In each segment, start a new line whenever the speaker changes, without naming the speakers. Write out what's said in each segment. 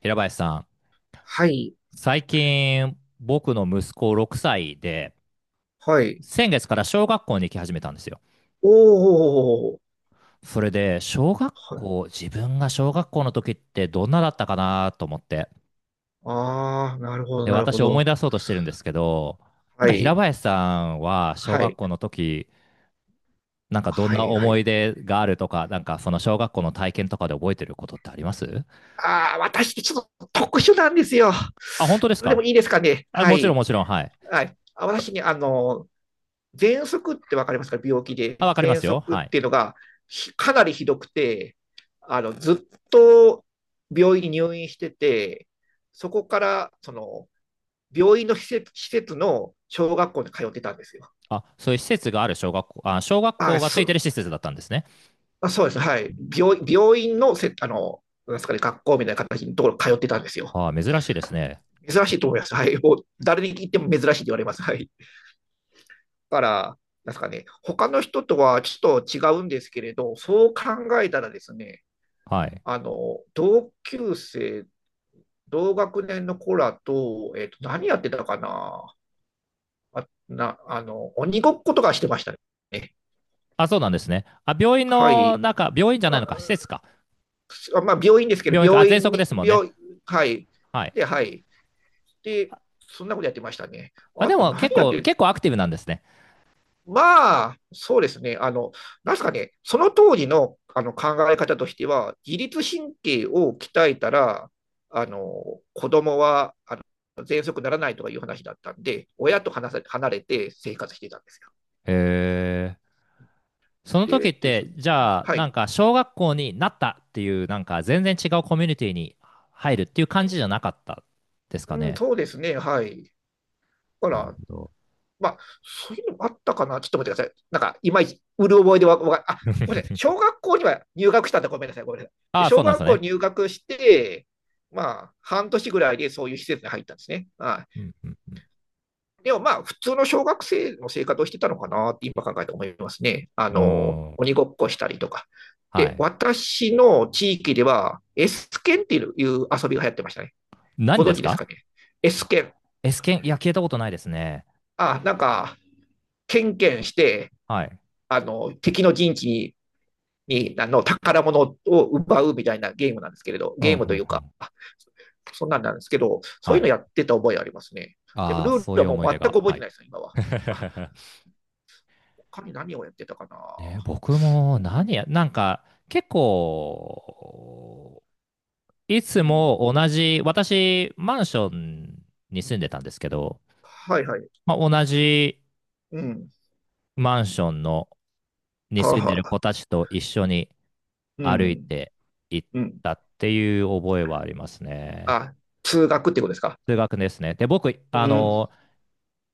平林さん、
はい、
最近僕の息子6歳で、
はい。
先月から小学校に行き始めたんですよ。
おー、
それで、小学
はい。
校、自分が小学校の時ってどんなだったかなと思って。
あー、なるほど、
で、
なるほ
私
ど。
思い出そうとしてるんですけど、なん
は
か平
い、
林さんは小
は
学
い、
校の時、なんかどん
は
な
い、は
思
い。
い出があるとか、なんかその小学校の体験とかで覚えてることってあります？
あー、私ってちょっと特殊なんですよ。
あ、本当です
それでも
か？
いいですかね。
あ、
は
もちろん
い、
もちろん、はい。
はい。あ、私ね、喘息ってわかりますか？病気
あ、
で。
わかりま
喘
すよ。
息っ
はい。
ていうのがなりひどくて、ずっと病院に入院してて、そこから、病院の施設、施設の小学校に通ってたんですよ。
あ、そういう施設がある小学校、あ、小学
あ、
校がついて
そ
る施設だったんですね。
あ、そうですね。はい。病院なんですかね、学校みたいな形のところ通ってたんですよ。
はあ、珍しいですね。
珍しいと思います。はい。もう、誰に聞いても珍しいって言われます。はい。だから、なんですかね、他の人とはちょっと違うんですけれど、そう考えたらですね、
はい。
同級生、同学年の子らと、何やってたかな。鬼ごっことかしてましたね。
あ、そうなんですね。あ、病院
は
の
い。
中、病院じゃないのか、施設か。
あ、まあ、病院ですけど、
病院か。あ、
病
喘
院
息で
に、
すもんね。
病、はい。
はい。
で、はい。で、そんなことやってましたね。
あ、
あ
で
と
も結
何やって
構、
るの？
結構アクティブなんですね。
まあ、そうですね。あの、なんすかね、その当時のあの考え方としては、自律神経を鍛えたら、子供は、喘息ならないとかいう話だったんで、親と離れて生活してたんですよ。
へえ。その時
で、
っ
です。
て、じゃあ、
は
なん
い。
か、小学校になったっていう、なんか、全然違うコミュニティに入るっていう感じじゃなかったですか
うん、
ね。
そうですね。はい。だか
なるほ
ら、
ど。
まあ、そういうのもあったかな。ちょっと待ってください。なんか、いまいち、うる覚えでわ、わかんないあ、ごめんなさい。小学校には入学したんだ。ごめんなさい。ごめんなさい。
ああ、そ
小
うなんです
学校
ね。
入学して、まあ、半年ぐらいでそういう施設に入ったんですね。はい。
うん、うん、
でもまあ、普通の小学生の生活をしてたのかなって今考えて思いますね。あ
う
の、
ん。うーん。
鬼ごっこしたりとか。
は
で、
い。
私の地域では、S 剣っていう遊びが流行ってましたね。
何
ご
で
存
す
知ですか
か
ね。S 剣。
?S 剣、いや、聞いたことないですね。
あ、なんか、ケンケンして、
はい。
あの、敵の陣地に、あの、宝物を奪うみたいなゲームなんですけれど、
うん、うん、
ゲームという
う
か、
ん。
そんなんなんですけど、そうい
は
うの
い。
やってた覚えありますね。でも、
あ
ル
あ、
ー
そう
ル
い
は
う
もう
思い
全
出
く
が。
覚え
は
て
い。
ないですよ、今は。あ、他に何をやってたか
ね、
な。
僕
う
も何
ん、
や、なんか結構、い
う
つ
ん、
も同じ、私、マンションに住んでたんですけど、
はいはい。
まあ、同じ
うん。
マンションのに
はあ、
住んで
は
る
あ、
子たちと一緒に
う
歩い
ん、
て行っ
うん。
たっていう覚えはありますね。
あ、通学ってことですか？
通学ですね。で、僕、
うん。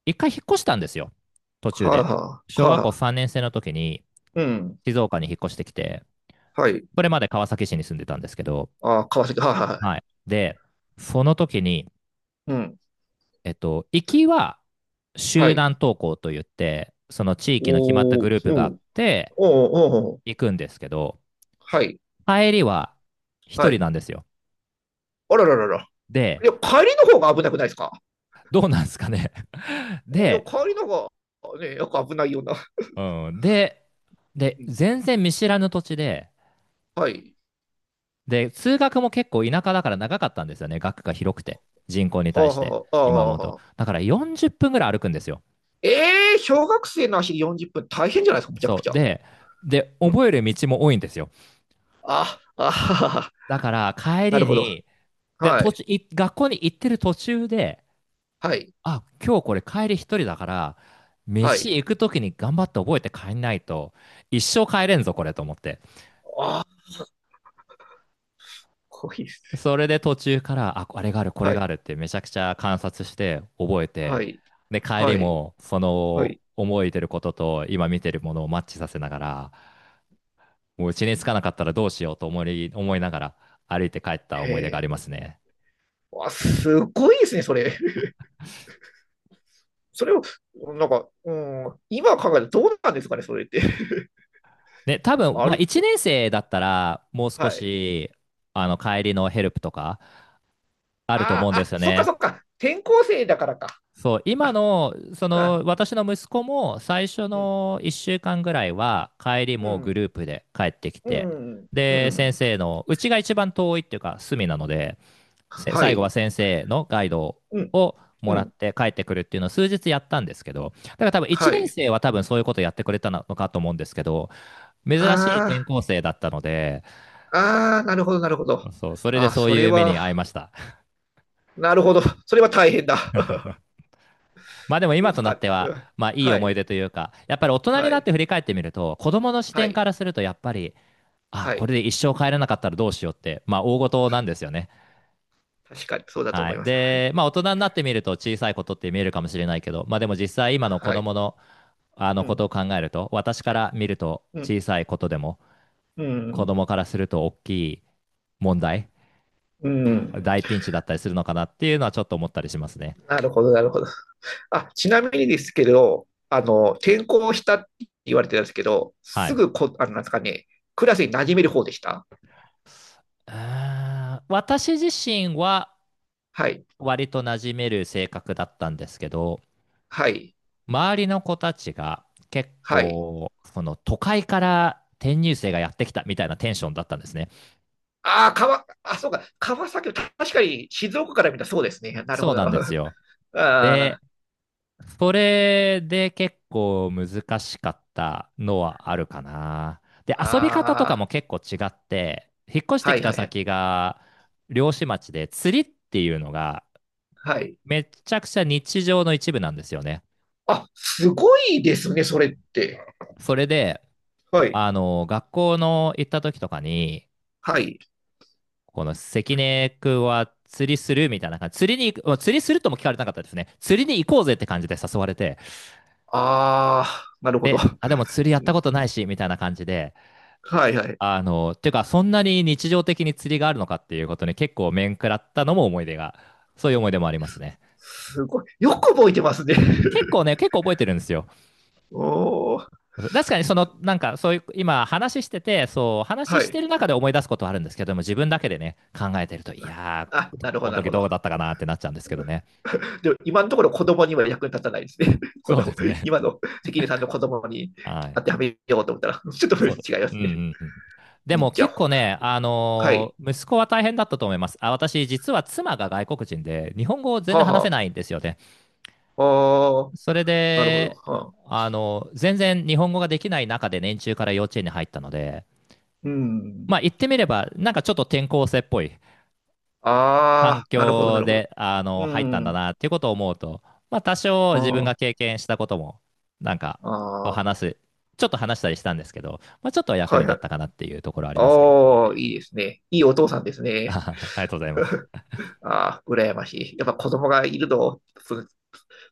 一回引っ越したんですよ。途中
はあ、
で。
はあ、
小
は
学校
あ、
3年生の時に
うん。
静岡に引っ越してきて、
はい。
それまで川崎市に住んでたんですけど、
あ、川崎、はあ、はあ、
はい。で、その時に、
うん。
行きは
は
集
い。
団登校といって、その地域の決まった
お
グ
ー、
ループ
うん。
があ
お
っ
ー、
て
おー、おー
行くんですけど、
はい。
帰りは
は
一人
い。
なんですよ。
あらららら。
で、
いや、帰りの方が危なくないですか？
どうなんですかね。
いや、
で、
帰りの方が、ね、よく危ないような。
うん、で、で、
うん
全然見知らぬ土地で、
はい。
で、通学も結構田舎だから長かったんですよね。学区が広くて、人口に
はあ、
対して、
はあ、は
今思
あ、
うと。
は
だから40分ぐらい歩くんですよ。
えー小学生の足40分大変じゃないですか、むちゃく
そ
ち
う。
ゃ。
で、で、
うん。
覚える道も多いんですよ。
あ、あはは、
だから帰
なる
り
ほど。
に、で、
は
途
い。
中、い学校に行ってる途中で、
はい。
あ、今日これ帰り一人だから、
は
飯
い。
行く時に頑張って覚えて帰んないと、一生帰れんぞ、これと思って。
あ、こいですね。
それで途中から、あ、あれがある、こ
は
れが
い。
あるってめちゃくちゃ観察して覚え
は
て、
い。
で、帰り
はい。
も、そ
は
の、
い。
思いてることと今見てるものをマッチさせながら、もう家に着かなかったらどうしようと思いながら歩いて帰った
へ
思い出がありま
え。
すね。
わ、すごいですね、それ。それを、なんか、うん、今考えたらどうなんですかね、それって。
ね、多分、
あ
まあ、
り、
1年生だったら、もう
は
少
い。
し、帰りのヘルプとか、あると思
あ
うん
あ、
で
あ、
すよ
そっか
ね。
そっか。転校生だからか。
そう、今
あ、
の、そ
あ、
の、私の息子も、最初
うん、
の1週間ぐらいは、帰り
う
もグ
ん、
ループで帰ってき
う
て、
ん、う
で、
ん。
先生の、うちが一番遠いっていうか、隅なので、せ
は
最後は
い。
先生のガイド
うん、
を
う
もらっ
ん。
て帰ってくるっていうのを数日やったんですけど、だから多分1
は
年
い。
生は多分そういうことやってくれたのかと思うんですけど、珍しい転
あ
校生だったので、
あ、ああ、なるほど、なるほど。
そう、それ
あ
で
あ、
そう
それ
いう目
は、
に遭いました。
なるほど。それは大変だ。
まあでも
う
今
んそっ
となっ
か。
て
う
は、
ん
まあいい
は
思い
い、
出というか、やっぱり大人に
は
なっ
い、
て振り返ってみると、子供の視
は
点
い、
からするとやっぱり、あ、
は
これ
い。
で一生帰れなかったらどうしようって、まあ大事なんですよね。
確かに、そうだと
は
思い
い。
ます。はい。
で、まあ大人になってみると小さいことって見えるかもしれないけど、まあでも実際今の子
はい。
供のあの
う
ことを
ん、
考えると、私から見ると
うん、
小さいことでも、
う
子
ん、
供からすると大きい問題、
うん。
大ピンチだったりするのかなっていうのはちょっと思ったりしますね。
なるほど、なるほど。あ、ちなみにですけど、あの、転校したって言われてたんですけど、
は
す
い。
ぐこ、あの、なんですかね、クラスに馴染める方でした？
あー私自身は
はい、
割と馴染める性格だったんですけど、
はい、
周りの子たちが結
はい。
構、その都会から転入生がやってきたみたいなテンションだったんですね。
ああ、あ、そうか、川崎、確かに静岡から見たらそうですね。なるほ
そう
ど。
な んです
あ
よ。で、
あ、
それで結構難しかったのはあるかな。で、遊び方とか
あ
も
あ、
結構違って、引っ越して
は
き
い
た
はいはい。
先が漁師町で釣りっていうのが
はい。
めちゃくちゃ日常の一部なんですよね。
あ、すごいですね、それって。
それで、
はい、
学校の行った時とかに、
はい。
この関根くんは釣りするみたいな感じ。釣りに行く、釣りするとも聞かれなかったですね。釣りに行こうぜって感じで誘われて。
ああ、なるほど。
で、
は
あ、でも釣りやったことないし、みたいな感じで。
いはい。
あの、ていうか、そんなに日常的に釣りがあるのかっていうことに結構面食らったのも思い出が、そういう思い出もありますね。
すごい。よく覚えてますね。
結構ね、結構覚えてるんですよ。
おー、
確かにその、なんかそういう、今話してて、そう、話
は
し
い。
てる中で思い出すことはあるんですけども、自分だけでね、考えてると、いや
あ、
ー、
なるほ
こ
ど、
の
なる
時
ほ
どう
ど。
だったかなってなっちゃうんですけどね。
でも今のところ子供には役に立たないですね。こ
そうで
の
すね。
今の関根さんの子供に
は
当
い。
てはめようと思ったら、ちょっと
そうです。
違いま
うん
す
う
ね。
んうん。でも
じゃあ、
結構ね、あ
は
の
い。
ー息子は大変だったと思います。あ、私、実は妻が外国人で、日本語を全
は
然
あ、
話せ
は
ないんですよね。
あ。ああ、
それ
なるほど。
で、
はあ、
あの全然日本語ができない中で年中から幼稚園に入ったので、
うん。
まあ言ってみれば、なんかちょっと転校生っぽい環
ああ、なるほど、な
境
るほど。
で、
う
入ったんだ
ん。
なっていうことを思うと、まあ、多少
あ
自分が
あ、
経験したことも、なんか、こう
ああ、
話す、ちょっと話したりしたんですけど、まあ、ちょっとは役
は
に
い
立
は
っ
い。
たかなっていうところはありますけどね。
ああ、いいですね。いいお父さんです ね。
ありがとうございます。
ああ、羨ましい。やっぱ子供がいるの、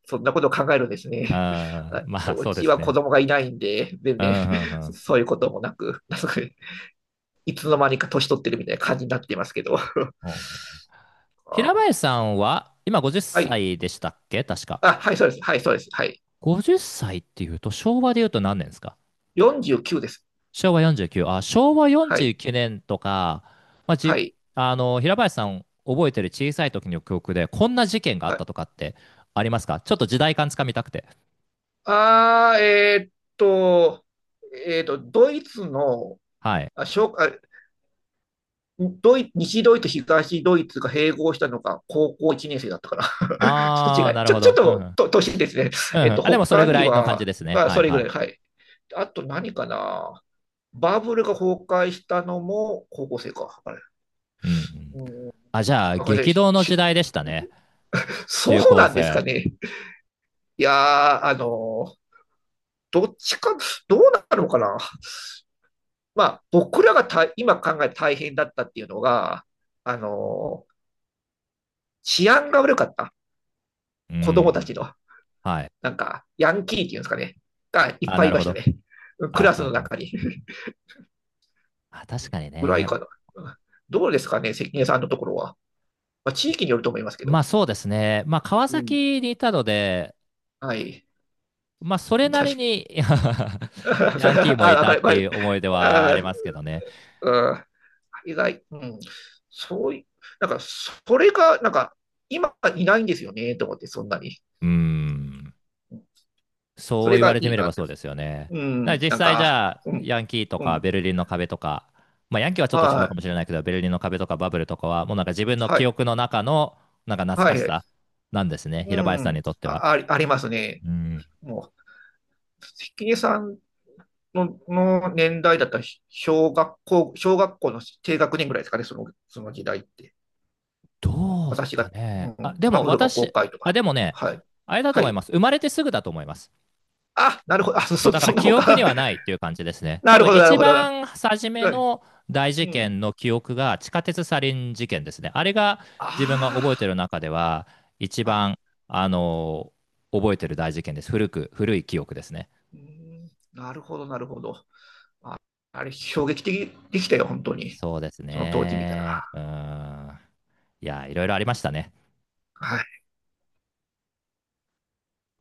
そんなことを考えるんですね。
あー
あ、
まあ、
う
そうで
ち
す
は子
ね。
供がいないんで、全
うん、
然、
うん、うん。
そういうこともなく、なんかいつの間にか年取ってるみたいな感じになってますけど。あ
うん平
あ、
林さんは、今50
はい。
歳でしたっけ確か。
あ、はい、そうです。はい、そうです。はい。
50歳っさいっていうと、昭和で言うと何年ですか？
49です。
昭和49、あ、昭和
は
49
い。
年とか、まあ、
は
じ、
い。
あの、平林さん覚えてる小さい時の記憶で、こんな事件があっ
はい。
たとかってありますか？ちょっと時代感つかみたくて。
ああと、ドイツの、
はい。
あ、小、あ、ドイ、西ドイツ、東ドイツが併合したのが高校1年生だったから ちょっと違
あー、
い。
なるほ
ちょっ
ど。うんうん。
と、と、年ですね。
うんうん。あ、でもそれ
他
ぐ
に
らいの感じ
は、
ですね。
まあ、
は
そ
い
れぐ
は
ら
い。
い。はい。あと何かな。バブルが崩壊したのも高校生か。あれ。
うんうん。
うん。
あ、じゃあ、
あ、ごめんな
激
さい。
動の時代でしたね。
そ
中
う
高
なんですか
生。
ね。いやー、ーどっちか、どうなるのかな。まあ、僕らが今考えて大変だったっていうのが、あのー治安が悪かった。
う
子供た
ん。
ちの。
はい。
なんか、ヤンキーっていうんですかね、がいっ
あ、
ぱ
な
いい
る
ま
ほ
した
ど。
ね。クラスの
あ、
中 に。
あ確かに
ぐらい
ね。
かな。どうですかね、関根さんのところは。まあ、地域によると思いますけ
ま
ど。
あそうですね。まあ川
うん。
崎にいたので、
はい。
まあ、それな
確
り
かに。
に ヤンキー も
あ、
い
わ
た
かる、
っ
わ
て
か
い
る。
う思い出はあり
あ
ますけどね。
うん意外、うん。そういうなんか、それが、なんか、今いないんですよね、と思って、そんなに。
うん。
うんそ
そう
れ
言わ
が
れて
いい
みれ
な
ば
って。
そうですよね。
う
だから
ん、
実
なん
際じ
か、
ゃあ、
うん、
ヤンキーと
う
か
ん。
ベルリンの壁とか、まあ、ヤンキーはちょっと違
は
うかもしれ
い、
ないけど、ベルリンの壁とかバブルとかは、もうなんか自分の
は
記
い、
憶の中の、なんか懐
は
かし
い。
さなんですね。
う
平林さん
ん、
にとって
あ、
は。
ありますね。
うん。
もう、関根さんの、の年代だったら、小学校、小学校の低学年ぐらいですかね、その時代って。
どうす
私
か
が、う
ね。あ、
ん、
で
バ
も
ブルが崩
私、
壊と
あ、
か。
でもね、
はい。
あれだと
は
思い
い。
ます。生まれてすぐだと思います。
あ、なるほど。
そうだか
そ
ら
んなも
記
ん
憶
か。
には ないっていう感じですね。
な
多
る
分
ほど、なる
一
ほど。な
番初め
はい。
の大
う
事
ん。
件の記憶が地下鉄サリン事件ですね。あれが自分が覚え
あ
てる中では一
あ、あ、
番、あの覚えてる大事件です。古い記憶ですね。
うーん、なるほど、なるほど。あれ、衝撃的でしたよ、本当に。
そうです
その当時見たら。
ね。うーん。いや、いろいろありましたね。
はい。